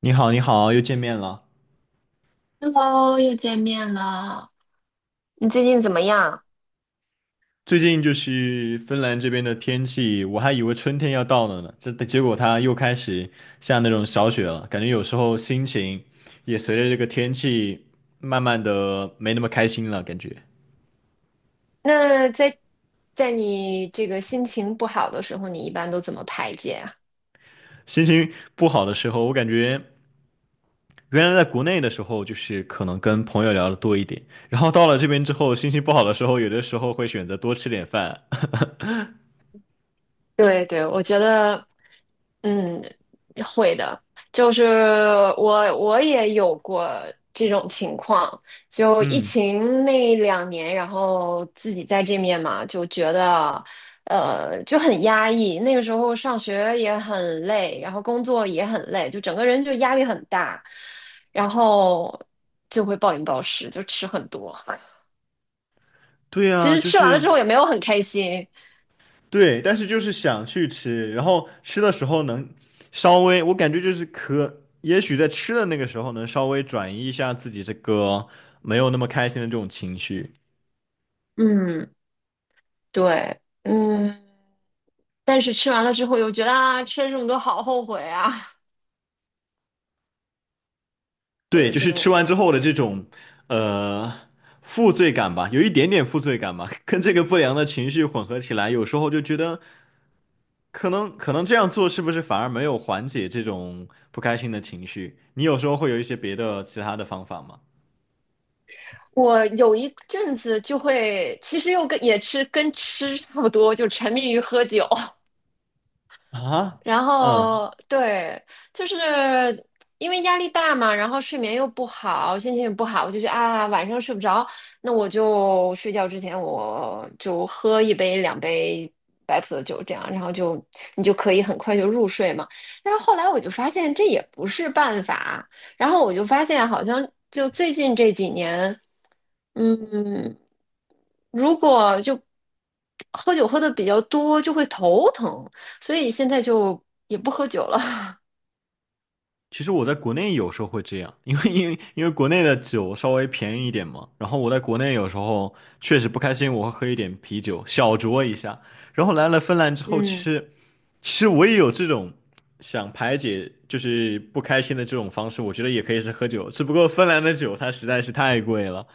你好，你好，又见面了。Hello，又见面了。你最近怎么样？最近就是芬兰这边的天气，我还以为春天要到了呢，这结果它又开始下那种小雪了，感觉有时候心情也随着这个天气慢慢的没那么开心了，感觉那在你这个心情不好的时候，你一般都怎么排解啊？心情不好的时候，我感觉原来在国内的时候就是可能跟朋友聊的多一点，然后到了这边之后，心情不好的时候，有的时候会选择多吃点饭。对对，我觉得，嗯，会的。就是我我也有过这种情况，就疫嗯，情那两年，然后自己在这面嘛，就觉得，就很压抑。那个时候上学也很累，然后工作也很累，就整个人就压力很大，然后就会暴饮暴食，就吃很多。对其啊，实就吃完了之是。后也没有很开心。对，但是就是想去吃，然后吃的时候能稍微，我感觉就是可，也许在吃的那个时候能稍微转移一下自己这个没有那么开心的这种情绪。嗯，对。嗯，但是吃完了之后又觉得啊，吃了这么多好后悔啊，我对，有就这是种。吃完之后的这种呃负罪感吧，有一点点负罪感吧，跟这个不良的情绪混合起来，有时候就觉得可能这样做是不是反而没有缓解这种不开心的情绪？你有时候会有一些别的其他的方法吗？我有一阵子就会，其实又跟也吃跟吃差不多，就沉迷于喝酒。啊，然嗯。后对，就是因为压力大嘛，然后睡眠又不好，心情也不好，我就觉得啊，晚上睡不着，那我就睡觉之前我就喝一杯两杯白葡萄酒，这样，然后就你就可以很快就入睡嘛。但是后来我就发现这也不是办法，然后我就发现好像就最近这几年，嗯，如果就喝酒喝的比较多，就会头疼。所以现在就也不喝酒了。其实我在国内有时候会这样，因为国内的酒稍微便宜一点嘛，然后我在国内有时候确实不开心，我会喝一点啤酒，小酌一下。然后来了芬兰之后，其嗯，实其实我也有这种想排解就是不开心的这种方式，我觉得也可以是喝酒，只不过芬兰的酒它实在是太贵了。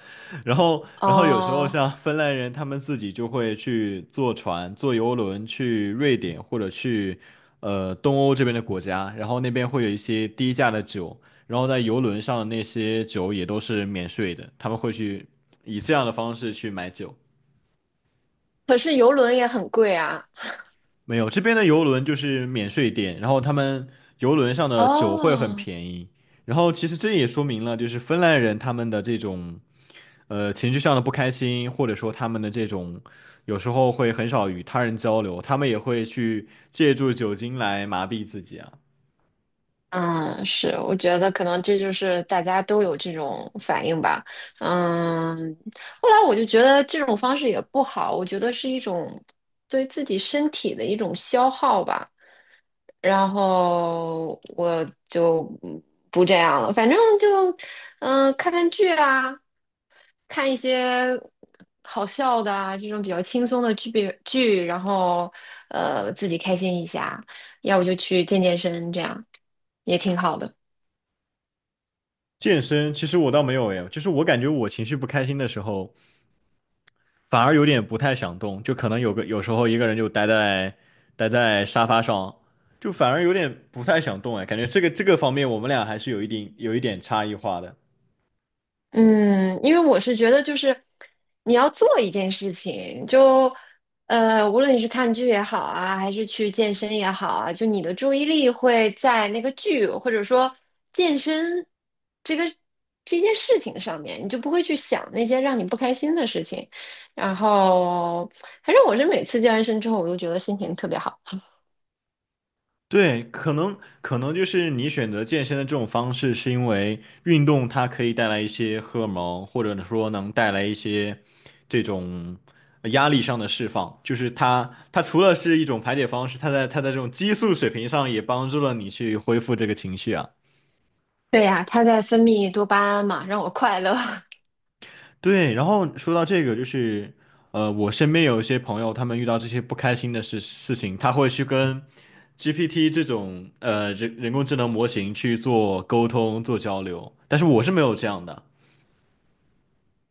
然后，然后有时候哦，像芬兰人，他们自己就会去坐船、坐游轮去瑞典或者去东欧这边的国家，然后那边会有一些低价的酒，然后在游轮上的那些酒也都是免税的，他们会去以这样的方式去买酒。可是游轮也很贵啊。没有，这边的游轮就是免税店，然后他们游轮上的酒会很哦，便宜。然后其实这也说明了，就是芬兰人他们的这种。情绪上的不开心，或者说他们的这种有时候会很少与他人交流，他们也会去借助酒精来麻痹自己啊。嗯，是，我觉得可能这就是大家都有这种反应吧。嗯，后来我就觉得这种方式也不好，我觉得是一种对自己身体的一种消耗吧。然后我就不这样了，反正就看看剧啊，看一些好笑的啊，这种比较轻松的剧，然后自己开心一下，要不就去健身，这样也挺好的。健身其实我倒没有诶，就是我感觉我情绪不开心的时候，反而有点不太想动，就可能有个有时候一个人就待在沙发上，就反而有点不太想动哎，感觉这个方面我们俩还是有一定有一点差异化的。嗯，因为我是觉得，就是你要做一件事情，就无论你是看剧也好啊，还是去健身也好啊，就你的注意力会在那个剧或者说健身这个这件事情上面，你就不会去想那些让你不开心的事情。然后，反正我是每次健完身之后，我都觉得心情特别好。对，可能就是你选择健身的这种方式，是因为运动它可以带来一些荷尔蒙，或者说能带来一些这种压力上的释放。就是它除了是一种排解方式，它在这种激素水平上也帮助了你去恢复这个情绪啊。对呀，它在分泌多巴胺嘛，让我快乐。对，然后说到这个，就是我身边有一些朋友，他们遇到这些不开心的事情，他会去跟 GPT 这种人工智能模型去做沟通、做交流，但是我是没有这样的。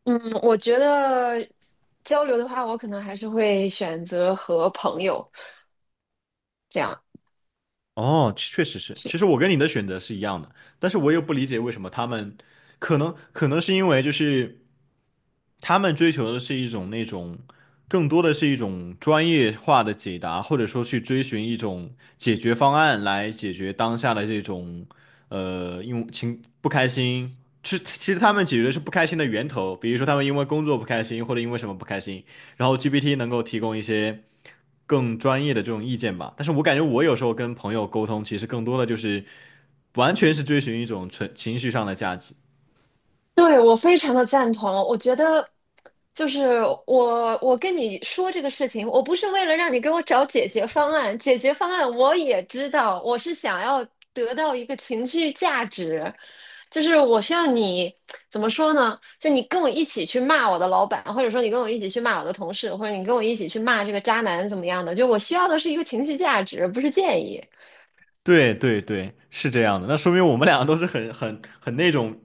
嗯，我觉得交流的话，我可能还是会选择和朋友这样。哦，确实是。去。其实我跟你的选择是一样的，但是我又不理解为什么他们，可能是因为就是他们追求的是一种那种，更多的是一种专业化的解答，或者说去追寻一种解决方案来解决当下的这种，因为情不开心。是，其实他们解决的是不开心的源头，比如说他们因为工作不开心，或者因为什么不开心，然后 GPT 能够提供一些。更专业的这种意见吧。但是我感觉我有时候跟朋友沟通，其实更多的就是完全是追寻一种纯情绪上的价值。对，我非常的赞同。我觉得，就是我跟你说这个事情，我不是为了让你给我找解决方案，解决方案我也知道，我是想要得到一个情绪价值，就是我需要你怎么说呢？就你跟我一起去骂我的老板，或者说你跟我一起去骂我的同事，或者你跟我一起去骂这个渣男怎么样的？就我需要的是一个情绪价值，不是建议。对对对，是这样的。那说明我们两个都是很那种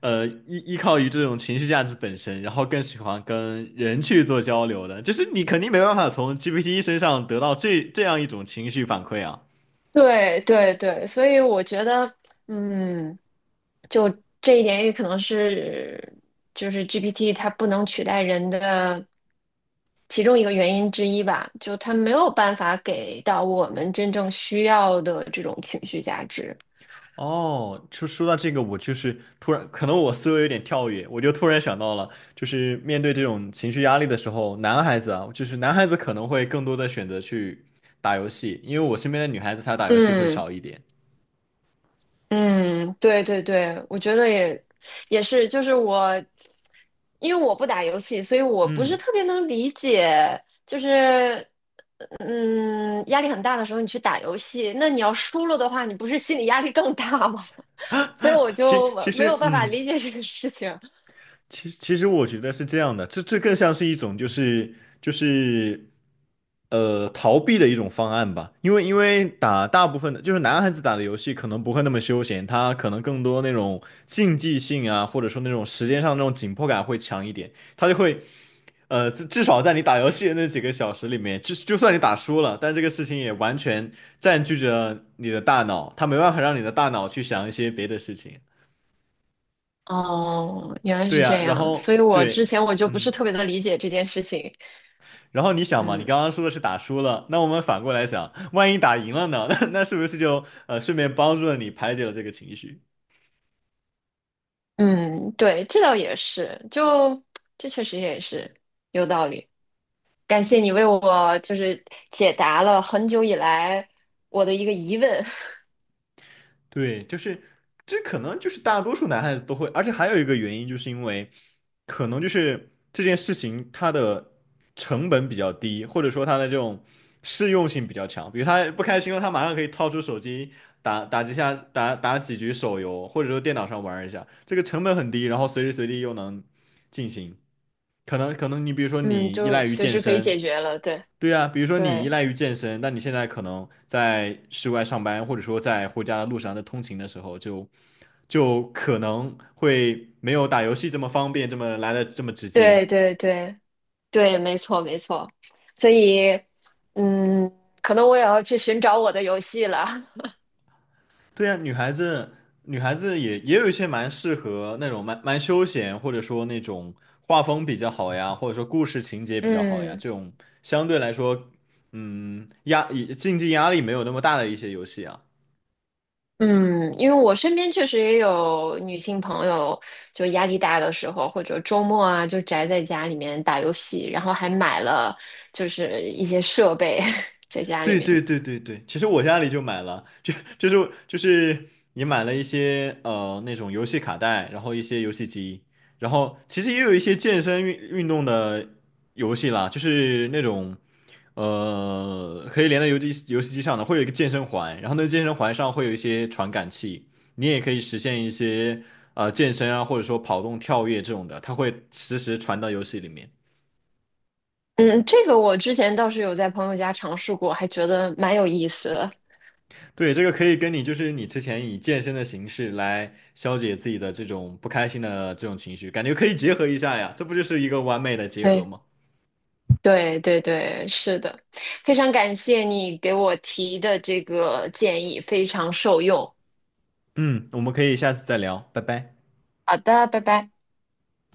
依靠于这种情绪价值本身，然后更喜欢跟人去做交流的。就是你肯定没办法从 GPT 身上得到这样一种情绪反馈啊。对对对，所以我觉得。嗯，就这一点也可能是，就是 GPT 它不能取代人的其中一个原因之一吧，就它没有办法给到我们真正需要的这种情绪价值。哦，就说到这个，我就是突然，可能我思维有点跳跃，我就突然想到了，就是面对这种情绪压力的时候，男孩子啊，就是男孩子可能会更多的选择去打游戏，因为我身边的女孩子她打游戏会嗯，少一点。嗯，对对对，我觉得也是，就是我，因为我不打游戏，所以我不是嗯，特别能理解，就是，压力很大的时候你去打游戏，那你要输了的话，你不是心理压力更大吗？所以我其就其没有实，办法嗯。理解这个事情。其实，其实我觉得是这样的，这更像是一种就是就是逃避的一种方案吧，因为打大部分的就是男孩子打的游戏可能不会那么休闲，他可能更多那种竞技性啊，或者说那种时间上那种紧迫感会强一点，他就会至少在你打游戏的那几个小时里面，就算你打输了，但这个事情也完全占据着你的大脑，他没办法让你的大脑去想一些别的事情，哦，原来对是呀，这然样，所后以我之对，前我就不是嗯。特别的理解这件事情。然后你想嘛，你嗯刚刚说的是打输了，那我们反过来想，万一打赢了呢？那那是不是就顺便帮助了你排解了这个情绪？嗯，对，这倒也是，就这确实也是有道理。感谢你为我就是解答了很久以来我的一个疑问，对，就是这可能就是大多数男孩子都会，而且还有一个原因，就是因为可能就是这件事情它的成本比较低，或者说它的这种适用性比较强。比如他不开心了，他马上可以掏出手机打几下，打几局手游，或者说电脑上玩一下，这个成本很低，然后随时随地又能进行。可能你比如说 嗯，你依就赖于随健时可以身，解决了。对，对呀，比如说你依对，赖于健身，但你现在可能在室外上班，或者说在回家的路上在通勤的时候就，就可能会没有打游戏这么方便，这么来的这么直接。对，对，对，对，没错，没错。所以，嗯，可能我也要去寻找我的游戏了。对呀，女孩子也有一些蛮适合那种蛮休闲，或者说那种画风比较好呀，或者说故事情节比较好呀，嗯这种相对来说，嗯，竞技压力没有那么大的一些游戏啊。嗯，因为我身边确实也有女性朋友，就压力大的时候，或者周末啊，就宅在家里面打游戏，然后还买了就是一些设备 在家里对面。对对对对，其实我家里就买了，就是你买了一些那种游戏卡带，然后一些游戏机，然后其实也有一些健身运动的游戏啦，就是那种可以连到游戏机上的，会有一个健身环，然后那个健身环上会有一些传感器，你也可以实现一些健身啊，或者说跑动、跳跃这种的，它会实时传到游戏里面。嗯，这个我之前倒是有在朋友家尝试过，还觉得蛮有意思的。对，这个可以跟你就是你之前以健身的形式来消解自己的这种不开心的这种情绪，感觉可以结合一下呀，这不就是一个完美的结合对，吗？对，对，对，是的，非常感谢你给我提的这个建议，非常受用。嗯，我们可以下次再聊，拜拜。好的，拜拜。